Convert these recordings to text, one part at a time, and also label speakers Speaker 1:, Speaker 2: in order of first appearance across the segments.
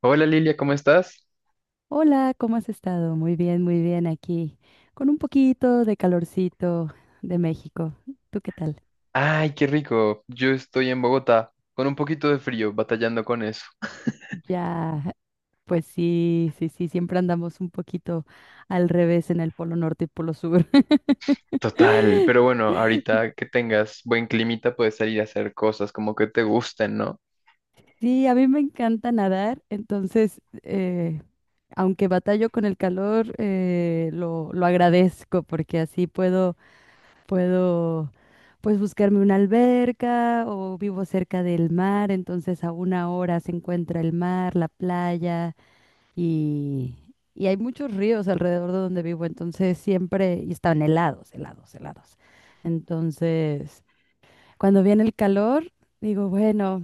Speaker 1: Hola Lilia, ¿cómo estás?
Speaker 2: Hola, ¿cómo has estado? Muy bien aquí, con un poquito de calorcito de México. ¿Tú qué tal?
Speaker 1: Ay, qué rico. Yo estoy en Bogotá con un poquito de frío, batallando con eso.
Speaker 2: Ya, pues sí, sí, sí, siempre andamos un poquito al revés en el polo norte y polo sur.
Speaker 1: Total, pero bueno, ahorita que tengas buen climita puedes salir a hacer cosas como que te gusten, ¿no?
Speaker 2: Sí, a mí me encanta nadar, entonces, aunque batallo con el calor, lo agradezco porque así puedo, pues, buscarme una alberca o vivo cerca del mar, entonces a una hora se encuentra el mar, la playa y, y hay muchos ríos alrededor de donde vivo, entonces siempre, y están helados, helados, helados. Entonces, cuando viene el calor, digo, bueno,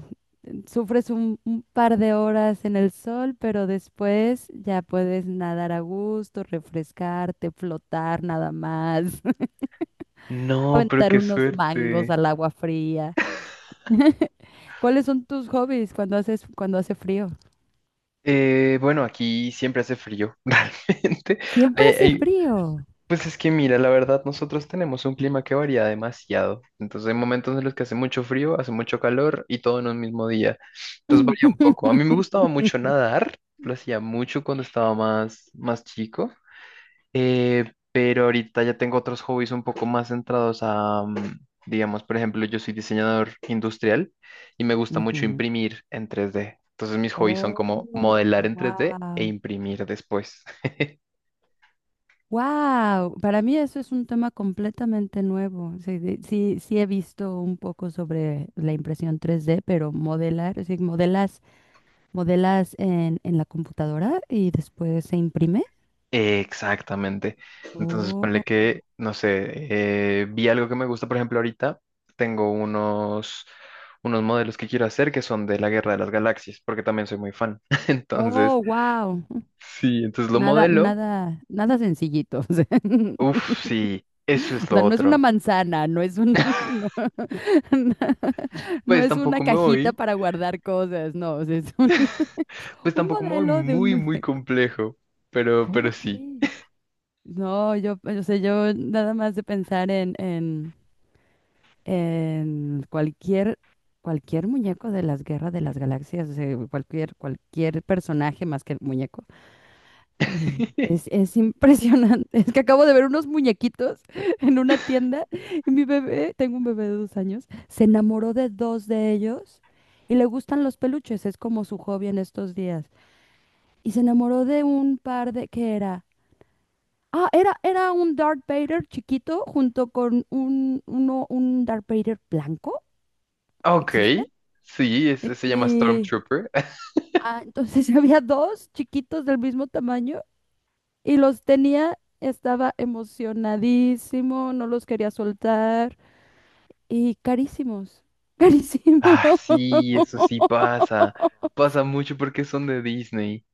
Speaker 2: sufres un par de horas en el sol, pero después ya puedes nadar a gusto, refrescarte, flotar nada más
Speaker 1: No, pero
Speaker 2: aventar
Speaker 1: qué
Speaker 2: unos mangos
Speaker 1: suerte.
Speaker 2: al agua fría. ¿Cuáles son tus hobbies cuando hace frío?
Speaker 1: Bueno, aquí siempre hace frío, realmente. Hay,
Speaker 2: Siempre hace
Speaker 1: hay-
Speaker 2: frío.
Speaker 1: Pues es que mira, la verdad, nosotros tenemos un clima que varía demasiado. Entonces hay momentos en los que hace mucho frío, hace mucho calor y todo en un mismo día. Entonces varía un poco. A mí me gustaba mucho nadar, lo hacía mucho cuando estaba más chico, pero ahorita ya tengo otros hobbies un poco más centrados digamos, por ejemplo, yo soy diseñador industrial y me gusta mucho
Speaker 2: Ujú.
Speaker 1: imprimir en 3D. Entonces mis hobbies son
Speaker 2: Oh,
Speaker 1: como modelar en 3D e
Speaker 2: wow.
Speaker 1: imprimir después.
Speaker 2: Wow, para mí eso es un tema completamente nuevo. Sí, sí he visto un poco sobre la impresión 3D, pero modelar, es decir, modelas en la computadora y después se imprime.
Speaker 1: Exactamente. Entonces,
Speaker 2: Oh,
Speaker 1: ponle que, no sé, vi algo que me gusta, por ejemplo, ahorita tengo unos, unos modelos que quiero hacer que son de la Guerra de las Galaxias, porque también soy muy fan. Entonces,
Speaker 2: oh, wow.
Speaker 1: sí, entonces lo
Speaker 2: Nada,
Speaker 1: modelo.
Speaker 2: nada, nada sencillito. O sea,
Speaker 1: Uf, sí, eso es
Speaker 2: o
Speaker 1: lo
Speaker 2: sea, no es una
Speaker 1: otro.
Speaker 2: manzana, no es un, no, no
Speaker 1: Pues
Speaker 2: es una
Speaker 1: tampoco me
Speaker 2: cajita
Speaker 1: voy,
Speaker 2: para guardar cosas, no, o sea, es un,
Speaker 1: pues
Speaker 2: un
Speaker 1: tampoco me voy
Speaker 2: modelo de un
Speaker 1: muy
Speaker 2: muñeco.
Speaker 1: complejo, pero
Speaker 2: ¿Cómo
Speaker 1: sí.
Speaker 2: crees? No, yo, o sea, yo nada más de pensar en, en cualquier muñeco de las guerras de las galaxias, o sea, cualquier personaje más que el muñeco. Es, es impresionante. Es que acabo de ver unos muñequitos en una tienda y mi bebé, tengo un bebé de 2 años, se enamoró de dos de ellos y le gustan los peluches, es como su hobby en estos días. Y se enamoró de un par de, ¿qué era? Ah, era un Darth Vader chiquito junto con un Darth Vader blanco.
Speaker 1: Ok,
Speaker 2: ¿Existen?
Speaker 1: sí, ese se llama
Speaker 2: Y,
Speaker 1: Stormtrooper.
Speaker 2: entonces había dos chiquitos del mismo tamaño. Y los tenía, estaba emocionadísimo, no los quería soltar y carísimos, carísimos.
Speaker 1: Ah, sí, eso sí pasa. Pasa mucho porque son de Disney.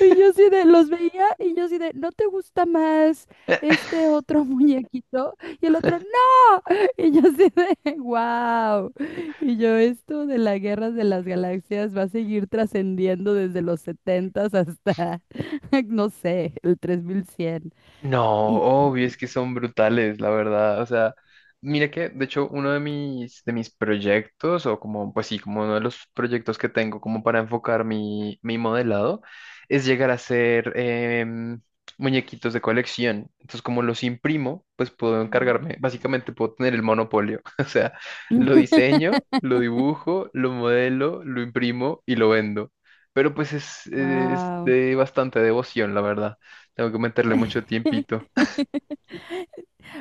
Speaker 2: Y yo sí de, los veía y yo sí de, ¿no te gusta más este otro muñequito? Y el otro, ¡no! Y yo sí de, ¡wow! Y yo, esto de las guerras de las galaxias va a seguir trascendiendo desde los 70s hasta, no sé, el 3100.
Speaker 1: No,
Speaker 2: Y...
Speaker 1: obvio, es que son brutales, la verdad. O sea, mira que, de hecho, uno de mis proyectos, o como, pues sí, como uno de los proyectos que tengo como para enfocar mi modelado, es llegar a hacer muñequitos de colección. Entonces, como los imprimo, pues puedo encargarme, básicamente puedo tener el monopolio. O sea, lo diseño, lo dibujo, lo modelo, lo imprimo y lo vendo. Pero pues es
Speaker 2: Wow.
Speaker 1: de bastante devoción, la verdad. Tengo que meterle mucho tiempito.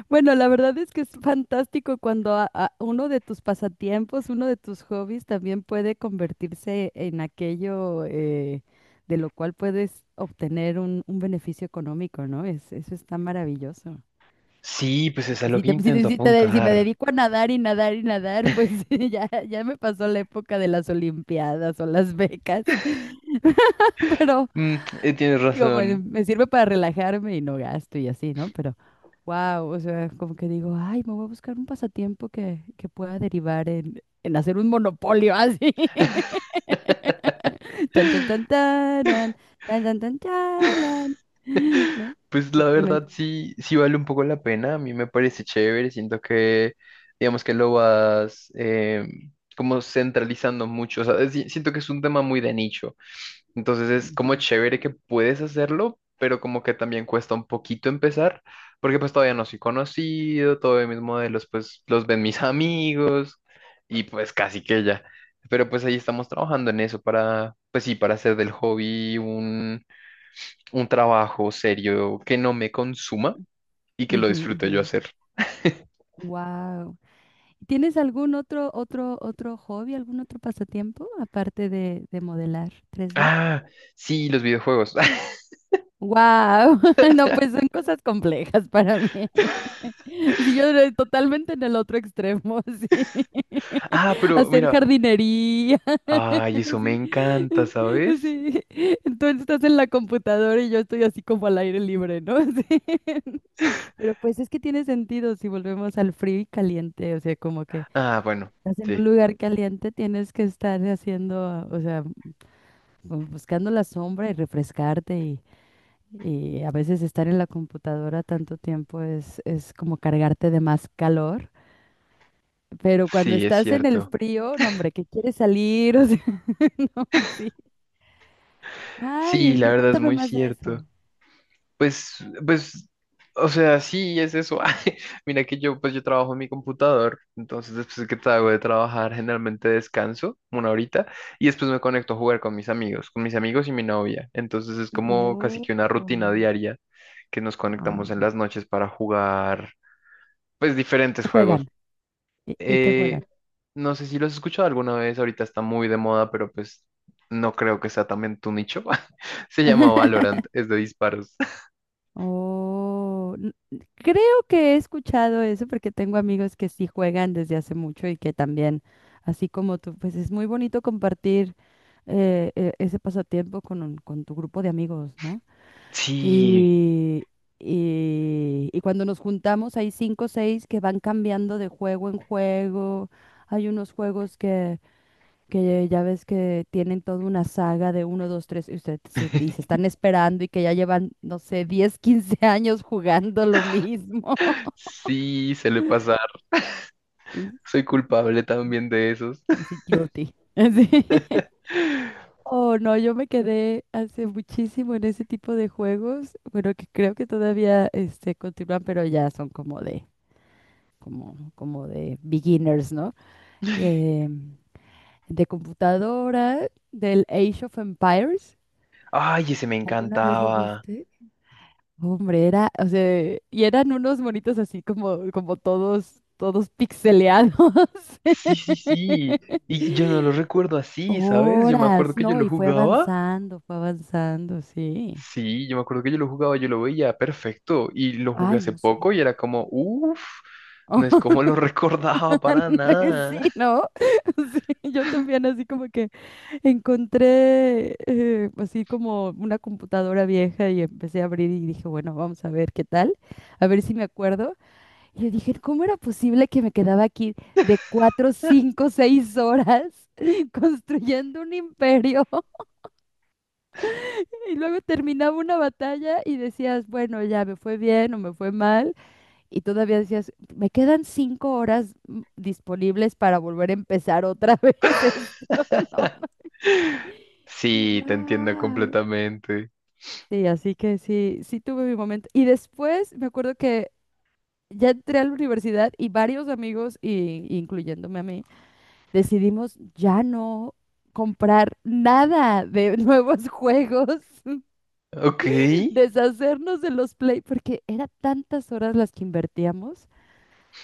Speaker 2: Bueno, la verdad es que es fantástico cuando uno de tus pasatiempos, uno de tus hobbies también puede convertirse en aquello, de lo cual puedes obtener un beneficio económico, ¿no? Eso está maravilloso.
Speaker 1: Sí, pues es a lo que intento
Speaker 2: Si me
Speaker 1: apuntar.
Speaker 2: dedico a nadar y nadar y nadar, pues ya me pasó la época de las olimpiadas o las becas. Pero
Speaker 1: Mm, tienes
Speaker 2: digo, pues
Speaker 1: razón.
Speaker 2: me sirve para relajarme y no gasto y así, ¿no? Pero, wow, o sea, como que digo, ay, me voy a buscar un pasatiempo que pueda derivar en hacer un monopolio así. Tan, tan, tan, taran, tan, tan, tan, talan. ¿No?
Speaker 1: Pues
Speaker 2: Qué
Speaker 1: la verdad
Speaker 2: tremendo.
Speaker 1: sí, sí vale un poco la pena. A mí me parece chévere. Siento que, digamos que lo vas como centralizando mucho. O sea, siento que es un tema muy de nicho. Entonces es como
Speaker 2: Ujú,
Speaker 1: chévere que puedes hacerlo, pero como que también cuesta un poquito empezar, porque pues todavía no soy conocido, todavía mis modelos pues los ven mis amigos y pues casi que ya. Pero pues ahí estamos trabajando en eso para, pues sí, para hacer del hobby un trabajo serio que no me consuma y que lo
Speaker 2: ujú,
Speaker 1: disfrute
Speaker 2: ujú.
Speaker 1: yo hacer.
Speaker 2: Wow. ¿Tienes algún otro hobby, algún otro pasatiempo aparte de modelar tres d.
Speaker 1: Ah, sí, los videojuegos.
Speaker 2: Wow. No, pues son cosas complejas para mí. Sí, yo era totalmente en el otro extremo, sí.
Speaker 1: Ah, pero
Speaker 2: Hacer
Speaker 1: mira,
Speaker 2: jardinería,
Speaker 1: ay, eso me
Speaker 2: sí.
Speaker 1: encanta, ¿sabes?
Speaker 2: Sí. Entonces estás en la computadora y yo estoy así como al aire libre, ¿no? Sí. Pero pues es que tiene sentido si volvemos al frío y caliente, o sea, como que
Speaker 1: Ah, bueno,
Speaker 2: estás en
Speaker 1: sí.
Speaker 2: un lugar caliente, tienes que estar haciendo, o sea, buscando la sombra y refrescarte y a veces estar en la computadora tanto tiempo es como cargarte de más calor. Pero cuando
Speaker 1: Sí, es
Speaker 2: estás en el
Speaker 1: cierto.
Speaker 2: frío, no, hombre, que quieres salir, o sea, no, sí.
Speaker 1: Sí,
Speaker 2: Ay,
Speaker 1: la
Speaker 2: y
Speaker 1: verdad es
Speaker 2: cuéntame
Speaker 1: muy
Speaker 2: más de
Speaker 1: cierto.
Speaker 2: eso.
Speaker 1: Pues, pues, o sea, sí, es eso. Ay, mira que yo, pues yo trabajo en mi computador, entonces después que hago de trabajar, generalmente descanso una horita y después me conecto a jugar con mis amigos y mi novia. Entonces es como casi
Speaker 2: Oh,
Speaker 1: que una rutina diaria que nos conectamos en
Speaker 2: ah,
Speaker 1: las noches para jugar, pues, diferentes
Speaker 2: ¿qué
Speaker 1: juegos.
Speaker 2: juegan? ¿Y qué
Speaker 1: Eh,
Speaker 2: juegan?
Speaker 1: no sé si lo has escuchado alguna vez, ahorita está muy de moda, pero pues no creo que sea también tu nicho. Se llama Valorant, es de disparos.
Speaker 2: Oh, creo que he escuchado eso porque tengo amigos que sí juegan desde hace mucho y que también, así como tú, pues es muy bonito compartir, ese pasatiempo con, con tu grupo de amigos, ¿no?
Speaker 1: Sí,
Speaker 2: Y, y cuando nos juntamos hay cinco o seis que van cambiando de juego en juego. Hay unos juegos que ya ves que tienen toda una saga de uno, dos, tres, y se están esperando y que ya llevan, no sé, 10 15 años jugando lo mismo.
Speaker 1: sí, se le pasar. Soy culpable también de esos.
Speaker 2: Así guilty. Así. Oh, no, yo me quedé hace muchísimo en ese tipo de juegos. Bueno, que creo que todavía continúan, pero ya son como de beginners, ¿no? De, de computadora, del Age of Empires.
Speaker 1: Ay, ese me
Speaker 2: ¿Alguna vez lo
Speaker 1: encantaba.
Speaker 2: viste? Hombre, era, o sea, y eran unos monitos así como todos, todos pixeleados.
Speaker 1: Sí, sí, sí. Y yo no lo recuerdo así, ¿sabes? Yo me acuerdo
Speaker 2: Horas,
Speaker 1: que yo
Speaker 2: ¿no?
Speaker 1: lo
Speaker 2: Y
Speaker 1: jugaba.
Speaker 2: fue avanzando, sí.
Speaker 1: Sí, yo me acuerdo que yo lo jugaba, yo lo veía perfecto y lo jugué
Speaker 2: Ay,
Speaker 1: hace
Speaker 2: no sé.
Speaker 1: poco y era como, uff, no es como lo recordaba para
Speaker 2: Sí,
Speaker 1: nada.
Speaker 2: ¿no? Sí, yo también así como que encontré, así como una computadora vieja y empecé a abrir y dije, bueno, vamos a ver qué tal, a ver si me acuerdo. Y yo dije, ¿cómo era posible que me quedaba aquí de cuatro, cinco, seis horas construyendo un imperio? Y luego terminaba una batalla y decías, bueno, ya me fue bien o me fue mal. Y todavía decías, me quedan 5 horas disponibles para volver a empezar otra vez esto. No, no. Yo,
Speaker 1: Sí, te entiendo
Speaker 2: wow.
Speaker 1: completamente.
Speaker 2: Sí, así que sí, sí tuve mi momento. Y después me acuerdo que ya entré a la universidad y varios amigos, y, incluyéndome a mí, decidimos ya no comprar nada de nuevos juegos,
Speaker 1: Ok,
Speaker 2: deshacernos de los Play, porque era tantas horas las que invertíamos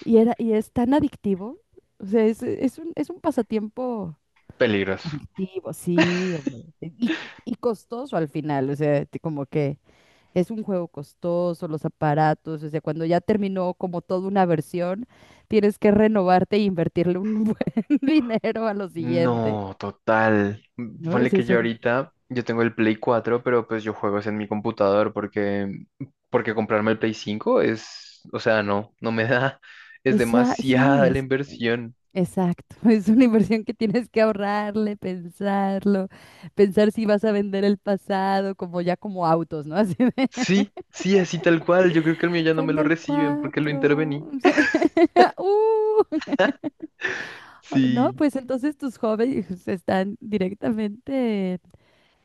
Speaker 2: y era, y es tan adictivo. O sea, es un pasatiempo
Speaker 1: peligroso.
Speaker 2: adictivo, sí, hombre. Y costoso al final, o sea, como que es un juego costoso, los aparatos, o sea, cuando ya terminó como toda una versión, tienes que renovarte e invertirle un buen dinero a lo siguiente,
Speaker 1: No, total.
Speaker 2: ¿no? O
Speaker 1: Ponle
Speaker 2: sea,
Speaker 1: que yo ahorita, yo tengo el Play 4, pero pues yo juego es en mi computador porque, porque comprarme el Play 5 es, o sea, no, no me da, es
Speaker 2: esa, sí,
Speaker 1: demasiada la inversión.
Speaker 2: exacto, es una inversión que tienes que ahorrarle, pensarlo, pensar si vas a vender el pasado, como ya como autos, ¿no? Así de,
Speaker 1: Sí, sí, así tal cual. Yo creo que el mío ya no me
Speaker 2: vendo
Speaker 1: lo
Speaker 2: el
Speaker 1: reciben porque lo intervení.
Speaker 2: 4, no,
Speaker 1: Sí.
Speaker 2: pues entonces tus hobbies están directamente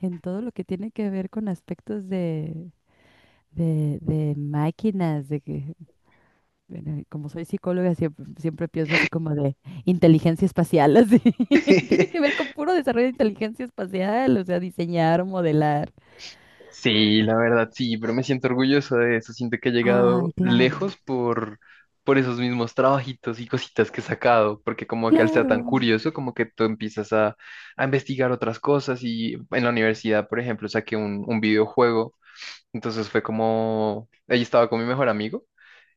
Speaker 2: en todo lo que tiene que ver con aspectos de máquinas, de que, bueno, como soy psicóloga, siempre, siempre pienso así como de inteligencia espacial, así. Tiene que ver con puro desarrollo de inteligencia espacial, o sea, diseñar, modelar.
Speaker 1: Sí, la verdad, sí, pero me siento orgulloso de eso. Siento que he
Speaker 2: Ay,
Speaker 1: llegado
Speaker 2: claro,
Speaker 1: lejos por esos mismos trabajitos y cositas que he sacado, porque como que al ser tan
Speaker 2: claro.
Speaker 1: curioso, como que tú empiezas a investigar otras cosas y en la universidad, por ejemplo, saqué un videojuego, entonces fue como, ahí estaba con mi mejor amigo.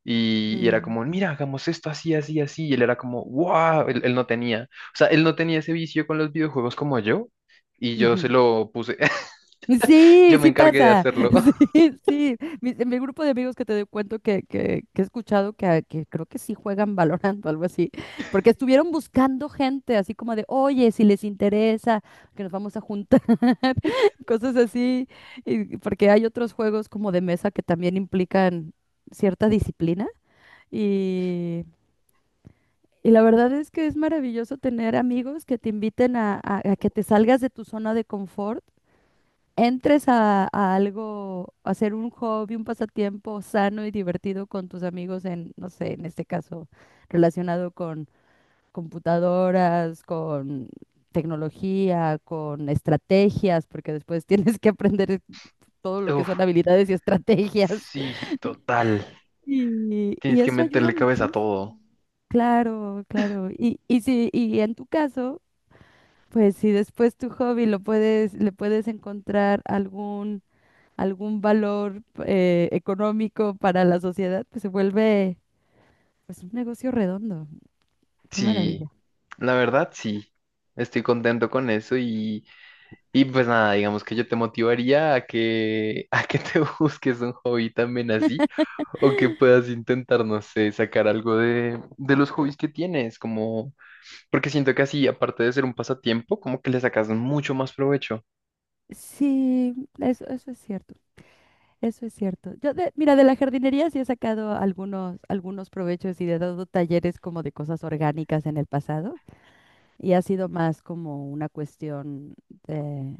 Speaker 1: Y era
Speaker 2: Mm,
Speaker 1: como, mira, hagamos esto así, así, así. Y él era como, wow, él no tenía, o sea, él no tenía ese vicio con los videojuegos como yo. Y yo se
Speaker 2: ujú.
Speaker 1: lo puse,
Speaker 2: Sí,
Speaker 1: yo me
Speaker 2: sí
Speaker 1: encargué de
Speaker 2: pasa.
Speaker 1: hacerlo.
Speaker 2: Sí, sí. Mi grupo de amigos que te doy cuento que he escuchado que, que creo que sí juegan Valorant o algo así, porque estuvieron buscando gente, así como de, oye, si les interesa, que nos vamos a juntar, cosas así, porque hay otros juegos como de mesa que también implican cierta disciplina y... Y la verdad es que es maravilloso tener amigos que te inviten a, a que te salgas de tu zona de confort, entres a algo, a hacer un hobby, un pasatiempo sano y divertido con tus amigos en, no sé, en este caso, relacionado con computadoras, con tecnología, con estrategias, porque después tienes que aprender todo lo que
Speaker 1: Uf,
Speaker 2: son habilidades y estrategias.
Speaker 1: sí, total.
Speaker 2: Y
Speaker 1: Tienes que
Speaker 2: eso ayuda
Speaker 1: meterle cabeza a todo.
Speaker 2: muchísimo. Claro, claro. Y si, Y en tu caso, pues si después tu hobby lo puedes, le puedes encontrar algún valor, económico para la sociedad, pues se vuelve pues un negocio redondo. Qué
Speaker 1: Sí,
Speaker 2: maravilla.
Speaker 1: la verdad, sí. Estoy contento con eso y pues nada, digamos que yo te motivaría a que, a que te busques un hobby también así o que puedas intentar, no sé, sacar algo de los hobbies que tienes, como. Porque siento que así, aparte de ser un pasatiempo, como que le sacas mucho más provecho.
Speaker 2: Sí, eso es cierto. Eso es cierto. Yo de, mira, de la jardinería sí he sacado algunos provechos y he dado talleres como de cosas orgánicas en el pasado. Y ha sido más como una cuestión de,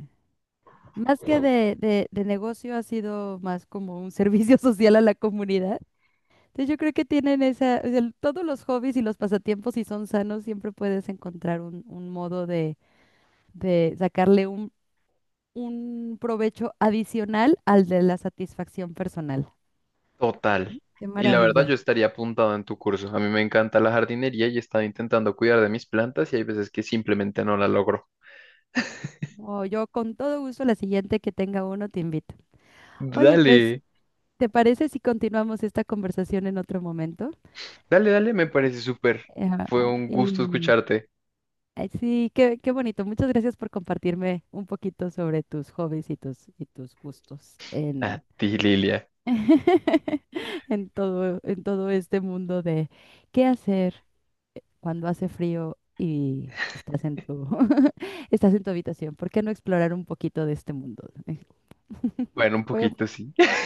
Speaker 2: más que de, de negocio, ha sido más como un servicio social a la comunidad. Entonces yo creo que tienen esa, o sea, todos los hobbies y los pasatiempos, si son sanos, siempre puedes encontrar un modo de sacarle un provecho adicional al de la satisfacción personal.
Speaker 1: Total.
Speaker 2: Qué
Speaker 1: Y la verdad, yo
Speaker 2: maravilla.
Speaker 1: estaría apuntado en tu curso. A mí me encanta la jardinería y he estado intentando cuidar de mis plantas y hay veces que simplemente no la logro.
Speaker 2: Oh, yo con todo gusto la siguiente que tenga uno te invito. Oye, pues,
Speaker 1: Dale,
Speaker 2: ¿te parece si continuamos esta conversación en otro momento?
Speaker 1: dale, me parece súper.
Speaker 2: Ajá,
Speaker 1: Fue un gusto
Speaker 2: y
Speaker 1: escucharte.
Speaker 2: ay, sí, qué bonito. Muchas gracias por compartirme un poquito sobre tus hobbies y tus gustos
Speaker 1: A
Speaker 2: en.
Speaker 1: ti, Lilia.
Speaker 2: En todo este mundo de qué hacer cuando hace frío y estás en tu, estás en tu habitación. ¿Por qué no explorar un poquito de este mundo?
Speaker 1: Bueno, un
Speaker 2: Bueno,
Speaker 1: poquito sí.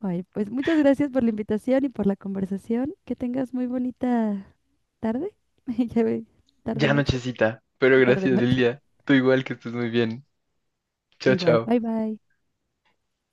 Speaker 2: ay, pues muchas gracias por la invitación y por la conversación. Que tengas muy bonita tarde. Ya ve, tarde
Speaker 1: Ya
Speaker 2: noche,
Speaker 1: nochecita, pero
Speaker 2: tarde
Speaker 1: gracias,
Speaker 2: noche.
Speaker 1: Lilia. Tú igual que estés muy bien. Chao,
Speaker 2: Igual,
Speaker 1: chao.
Speaker 2: bye bye.